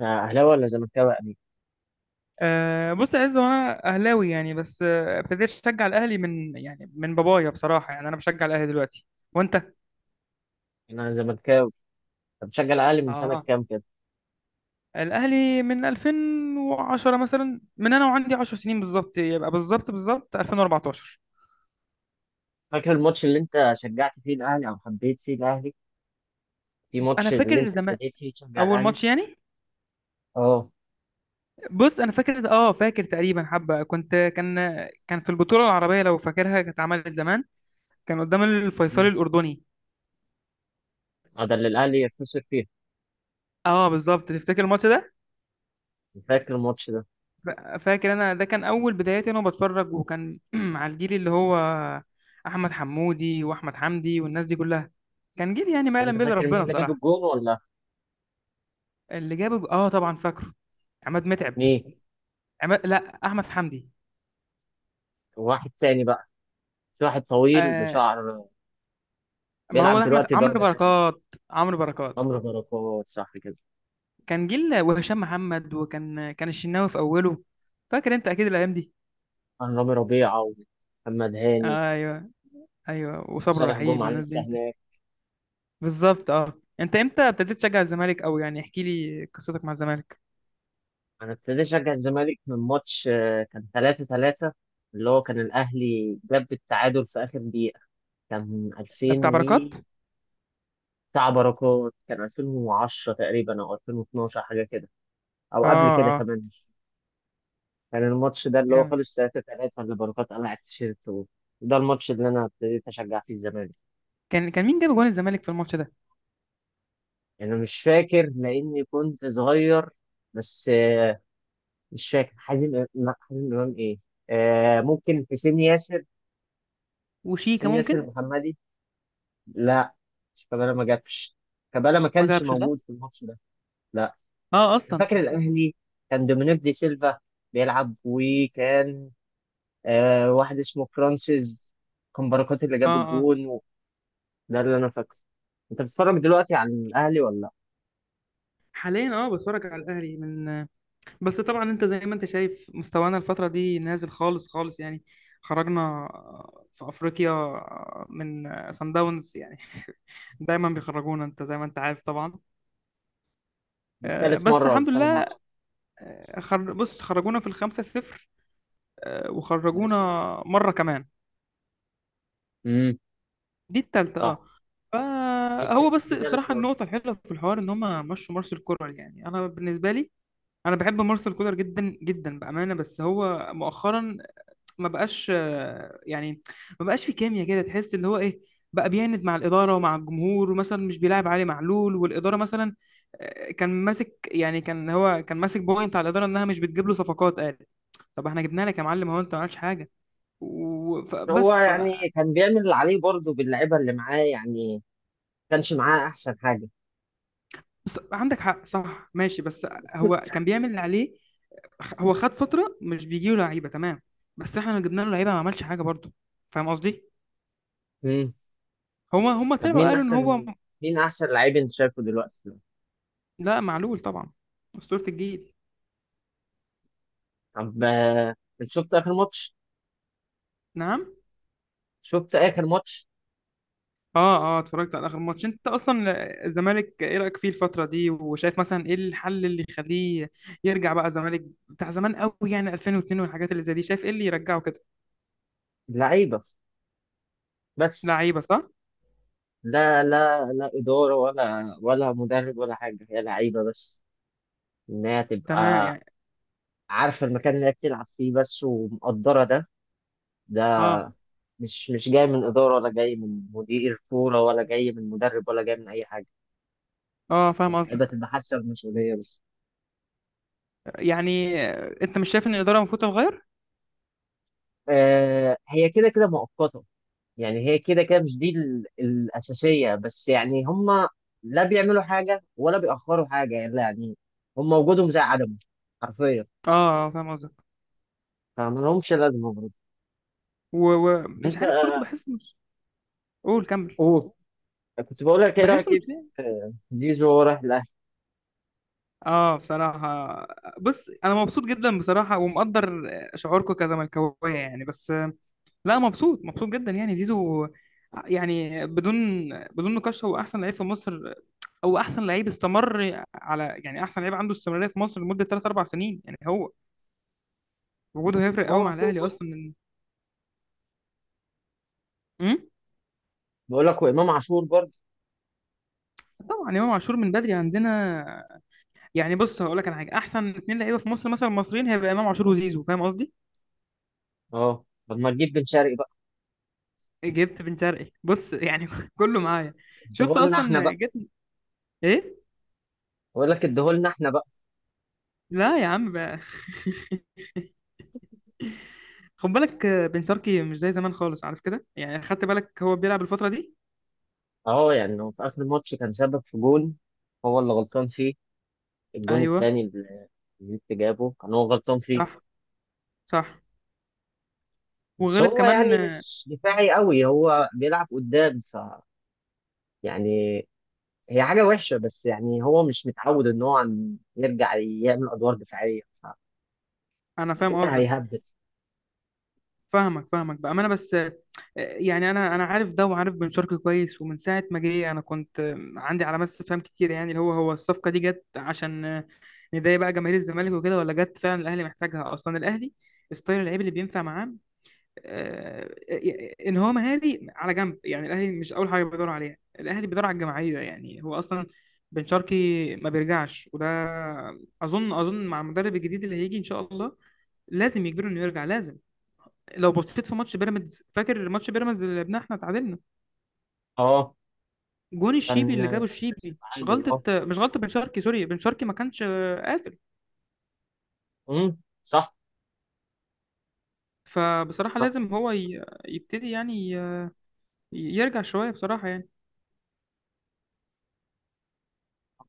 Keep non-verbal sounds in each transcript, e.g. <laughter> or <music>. اهلاوي ولا زملكاوي يا امير؟ بص يا عز، وانا اهلاوي يعني بس ابتديت اشجع الاهلي من يعني من بابايا بصراحه. يعني انا بشجع الاهلي دلوقتي وانت. يعني انا زملكاوي. طب بشجع الاهلي من سنه اه، كام كده؟ الاهلي من 2010 مثلا، من انا وعندي 10 سنين بالظبط، يبقى بالظبط 2014. فاكر الماتش اللي انت شجعت فيه الاهلي او حبيت فيه الاهلي؟ في انا ماتش اللي فاكر انت زمان، ابتديت فيه تشجع اول الاهلي؟ ماتش يعني. اه. بص انا فاكر فاكر تقريبا حبه، كنت كان في البطوله العربيه، لو فاكرها كانت اتعملت زمان، كان قدام الفيصلي مم. الاردني. اه، ده اللي الاهلي خسر فيه. اه بالظبط، تفتكر الماتش ده. فاكر الماتش ده؟ ف- فاكر انا، ده كان اول بداياتي انا بتفرج، وكان <clears throat> على الجيل اللي هو احمد حمودي واحمد حمدي والناس دي كلها، كان جيل يعني ما انت يعلم به الا فاكر مين ربنا اللي جاب بصراحه. الجون ولا؟ اللي جاب، اه، طبعا فاكره. عماد متعب. مين؟ عماد، لا، احمد حمدي. واحد تاني بقى، في واحد طويل آه. بشعر ما هو بيلعب ده دلوقتي عمرو درجه تانيه. بركات. عمرو بركات. عمرو بركات، صح كده؟ كان جيل، وهشام محمد، وكان الشناوي في اوله. فاكر انت اكيد الايام دي. عن رامي ربيعه ومحمد هاني. ايوه، ايوه، وصبر وصالح رحيل جمعه والناس دي، لسه انت. هناك. بالظبط اه. انت امتى ابتديت تشجع الزمالك، او يعني احكي لي قصتك مع الزمالك؟ انا ابتديت اشجع الزمالك من ماتش كان 3-3، اللي هو كان الاهلي جاب التعادل في اخر دقيقه. كان 2000 ده بتاع و... بركات. بتاع بركات، كان 2010 تقريبا او 2012 حاجه كده، او اه، قبل كده اه، كمان. كان الماتش ده اللي هو جامد. خلص 3-3، اللي بركات قلع التيشيرت وده الماتش اللي انا ابتديت اشجع فيه الزمالك. كان مين جاب جوان الزمالك في الماتش ده؟ يعني انا مش فاكر لاني كنت صغير، بس مش فاكر حازم لا، حازم امام ايه. ممكن حسين ياسر، وش. حسين ياسر محمدي. لا، شيكابالا ما جاتش. شيكابالا ما ما كانش جابش صح. موجود في الماتش ده. لا، اه انا اصلا. فاكر الاهلي كان دومينيك دي سيلفا بيلعب، وكان واحد اسمه فرانسيس. كان بركات اللي جاب اه، اه. الجون و... ده اللي انا فاكره. انت بتتفرج دلوقتي على الاهلي ولا لا؟ حاليا اه، بتفرج على الاهلي من، بس طبعا انت زي ما انت شايف، مستوانا الفتره دي نازل خالص خالص يعني. خرجنا في افريقيا من سان داونز يعني <laughs> دايما بيخرجونا، انت زي ما انت عارف طبعا. دي ثالث بس مره ولا الحمد ثاني لله. مره؟ بص، خرجونا في الخمسة صفر، وخرجونا ماشي. مرة كمان. امم. دي التالتة اه. صح. دي فهو بس دي ثالث بصراحة، مره. النقطة الحلوة في الحوار ان هما مشوا مارسيل كولر. يعني انا بالنسبة لي، انا بحب مارسيل كولر جدا جدا بأمانة، بس هو مؤخرا ما بقاش آه، يعني ما بقاش في كيمياء كده، تحس اللي هو ايه. بقى بيعند مع الإدارة ومع الجمهور، ومثلا مش بيلاعب علي معلول والإدارة مثلا. كان ماسك يعني، كان هو كان ماسك بوينت على الإدارة انها مش بتجيب له صفقات، قال طب احنا جبنا لك يا معلم، هو انت ما عملتش حاجه هو وبس. يعني كان بيعمل اللي عليه برضه، باللعيبه اللي معاه. يعني ما كانش معاه احسن حاجه. بس عندك حق صح، ماشي. بس هو كان بيعمل اللي عليه. هو خد فترة مش بيجيله لعيبة، تمام. بس احنا لو جبنا له لعيبة ما عملش حاجة برضه. فاهم قصدي؟ <laughs> هما طب طلعوا مين قالوا ان هو احسن؟ مين احسن لعيب انت شايفه دلوقتي؟ لا، معلول طبعا. أسطورة الجيل. طب انت شفت اخر ماتش؟ نعم. شفت اخر ماتش؟ اه، اه، اتفرجت على آخر ماتش انت اصلا. الزمالك ايه رأيك فيه الفترة دي، وشايف مثلا ايه الحل اللي يخليه يرجع بقى الزمالك بتاع زمان قوي، يعني 2002 والحاجات اللي زي دي. شايف ايه اللي يرجعه كده؟ لعيبه بس. لعيبة صح؟ لا لا لا، اداره ولا مدرب ولا حاجه، هي لعيبه بس. انها تمام تبقى يعني. عارفه المكان اللي هي بتلعب فيه بس ومقدره ده. ده اه، مش جاي من اداره، ولا جاي من مدير كوره، ولا جاي من مدرب، ولا جاي من اي حاجه. اه، فاهم اللعيبه قصدك. تبقى حاسه بالمسؤوليه بس. يعني انت مش شايف ان الاداره المفروض تتغير؟ هي كده كده مؤقته. يعني هي كده كده مش دي الأساسية بس. يعني هما لا بيعملوا حاجة ولا بيأخروا حاجة، يعني لا، يعني هما وجودهم زي عدمه حرفيا. اه فاهم قصدك. فما لهمش لازمة برضه. ومش أنت عارف برضو بحس مش. قول كمل. قول. كنت بقول لك إيه بحس رأيك إيه مش. في زيزو وهو رايح الأهلي؟ اه بصراحه، بص انا مبسوط جدا بصراحه، ومقدر شعوركم كزملكاويه يعني. بس لا، مبسوط مبسوط جدا يعني. زيزو يعني، بدون نقاش، هو احسن لعيب في مصر. او احسن لعيب استمر، على يعني احسن لعيب عنده استمراريه في مصر لمده 3 4 سنين يعني. هو وجوده هيفرق إمام قوي مع عاشور الاهلي برضه. اصلا. امم بقول لك وإمام عاشور برضه. طبعا، امام عاشور من بدري عندنا. يعني بص هقول لك على حاجه، احسن اتنين لعيبه في مصر مثلا مصريين، هيبقى امام عاشور وزيزو. فاهم قصدي؟ أه، طب ما تجيب بن شرقي بقى؟ جبت بن شرقي. بص يعني <laughs> كله معايا. شفت اديهولنا إحنا اصلا بقى. جبت. ايه. بقول لك اديهولنا إحنا بقى. لا يا عم بقى <laughs> خد بالك بن شرقي مش زي زمان خالص، عارف كده، يعني خدت بالك هو بيلعب الفتره دي. أه، يعني هو في آخر الماتش كان سبب في جون، هو اللي غلطان فيه. الجون ايوه، التاني اللي جابه كان هو غلطان فيه. صح صح، بس وغلط هو كمان يعني مش دفاعي قوي، هو بيلعب قدام ف... يعني هي حاجة وحشة، بس يعني هو مش متعود ان هو يرجع يعمل ادوار دفاعية، انا فاهم فطبيعي قصدك. هيهبل. فاهمك فاهمك بامانه. بس يعني انا عارف ده، وعارف بن شرقي كويس. ومن ساعه ما جه، انا كنت عندي علامات استفهام كتير، يعني اللي هو هو الصفقه دي جت عشان نضايق بقى جماهير الزمالك وكده، ولا جت فعلا الاهلي محتاجها اصلا. الاهلي ستايل اللعيب اللي بينفع معاه، آه، ان هو مهاري على جنب يعني. الاهلي مش اول حاجه بيدور عليها، الاهلي بيدور على الجماعيه يعني. هو اصلا بن شرقي ما بيرجعش. وده اظن مع المدرب الجديد اللي هيجي ان شاء الله لازم يجبره انه يرجع، لازم. لو بصيت في ماتش بيراميدز، فاكر ماتش بيراميدز اللي لعبناه احنا تعادلنا، اه، جون الشيبي كان. اللي جابه بس الشيبي، تعادل، غلطه، اه. مش غلطه بن شرقي، سوري، بن شرقي ما كانش قافل. صح. فبصراحة صح. لازم هو يبتدي يعني يرجع شوية بصراحة يعني.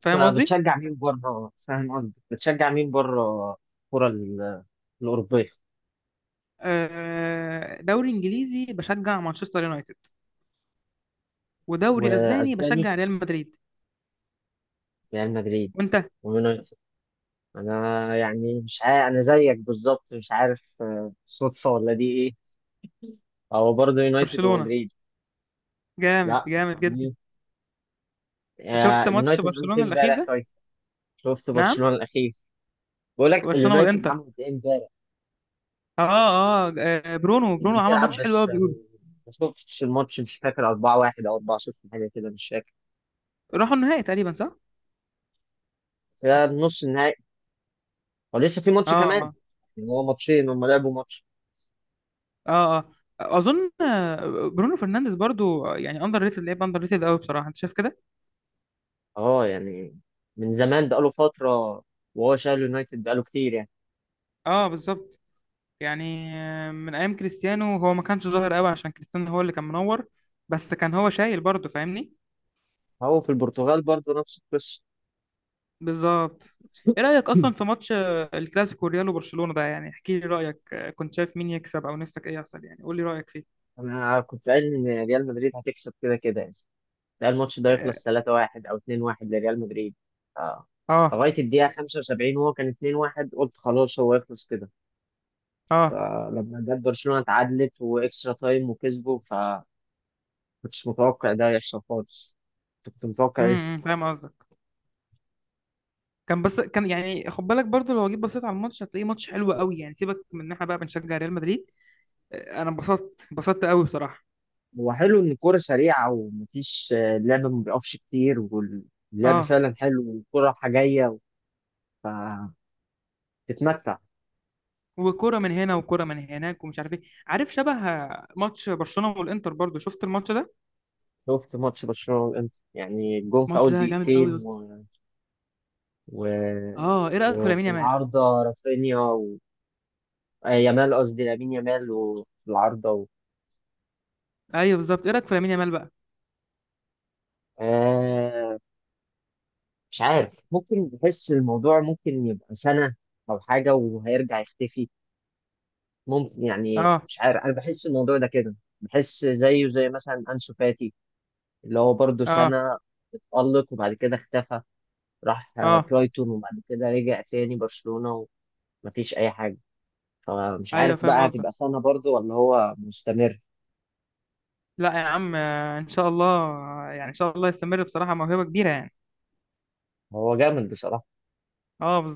فاهم أنت قصدي؟ بتشجع مين بره؟ فاهم قصدي، بتشجع مين بره، الكرة الأوروبية. دوري انجليزي بشجع مانشستر يونايتد، ودوري اسباني وأسباني بشجع ريال مدريد. ريال مدريد وانت. ويونايتد. أنا يعني مش عارف، أنا زيك بالظبط مش عارف، صدفة ولا دي إيه. هو برضه يونايتد برشلونة، ومدريد. جامد لا، جامد طب جدا. ليه؟ شفت ماتش اليونايتد عملت برشلونة ايه الاخير امبارح ده؟ طيب؟ شفت نعم. برشلونة الأخير. بقول لك برشلونة اليونايتد والانتر. عملت ايه امبارح؟ اه، اه، برونو كانت برونو عمل بتلعب ماتش حلو قوي بس، بيقولوا. ما شفتش الماتش. مش فاكر 4-1 أو 4-0، حاجة كده مش فاكر. راحوا النهائي تقريبا صح؟ ده نص النهائي ولسه في اه. ماتش كمان. اه. يعني هو ماتشين، هم لعبوا ماتش. اه. اه. اظن برونو فرنانديز برضو يعني اندر ريتد، لعيب اندر ريتد قوي بصراحة. انت شايف كده؟ اه. يعني من زمان بقاله فترة وهو شايل اليونايتد، بقاله كتير يعني. اه بالظبط. يعني من ايام كريستيانو، هو ما كانش ظاهر قوي عشان كريستيانو هو اللي كان منور، بس كان هو شايل برضه، فاهمني. هو في البرتغال برضه نفس القصة. بالظبط. ايه رايك اصلا <laughs> في ماتش الكلاسيكو ريال وبرشلونه ده، يعني احكي لي رايك، كنت شايف مين يكسب، او نفسك ايه يحصل، يعني قول لي رايك فيه. أنا كنت قايل إن ريال مدريد هتكسب كده كده يعني. ده الماتش ده اه. يخلص 3-1 او 2-1 لريال مدريد. آه. اه. لغايه الدقيقه 75 وهو كان 2-1، قلت خلاص هو يخلص كده. آه. فلما جت برشلونه اتعادلت واكسترا تايم وكسبوا، فكنتش متوقع ده يحصل خالص. كنت متوقع ايه. فاهم قصدك. كان بس كان، يعني خد بالك برضه، لو جيت بصيت على الماتش هتلاقيه ماتش حلو قوي يعني، سيبك من ان احنا بقى بنشجع ريال مدريد. انا انبسطت انبسطت قوي بصراحه. هو حلو ان الكوره سريعه ومفيش اللعب ما بيقفش كتير، واللعب اه. فعلا حلو والكوره رايحه جايه، فتتمتع. وكرة من هنا وكرة من هناك ومش عارف ايه. عارف شبه ماتش برشلونة والانتر برضو، شفت الماتش ده. شفت ماتش برشلونه والانتر، يعني الجون في الماتش اول ده جامد قوي يا دقيقتين اسطى. و... اه، ايه رأيك في لامين وفي يامال؟ العارضة رافينيا و... يامال، قصدي لامين يامال وفي العارضة و... ايوه بالظبط، ايه رأيك في لامين يامال بقى؟ آه مش عارف، ممكن بحس الموضوع ممكن يبقى سنة أو حاجة وهيرجع يختفي. ممكن يعني اه. مش عارف، أنا بحس الموضوع ده كده. بحس زيه زي مثلا أنسو فاتي، اللي هو برضه اه. سنة اتألق وبعد كده اختفى. راح اه. برايتون وبعد كده رجع تاني برشلونة ومفيش أي حاجة. فمش عارف ايوه فاهم بقى قصدك. هتبقى سنة برضه ولا هو مستمر. لا يا عم، ان شاء الله. يعني ان شاء الله يستمر، بصراحة موهبة كبيرة يعني. هو جامد بصراحة. اه بالظبط.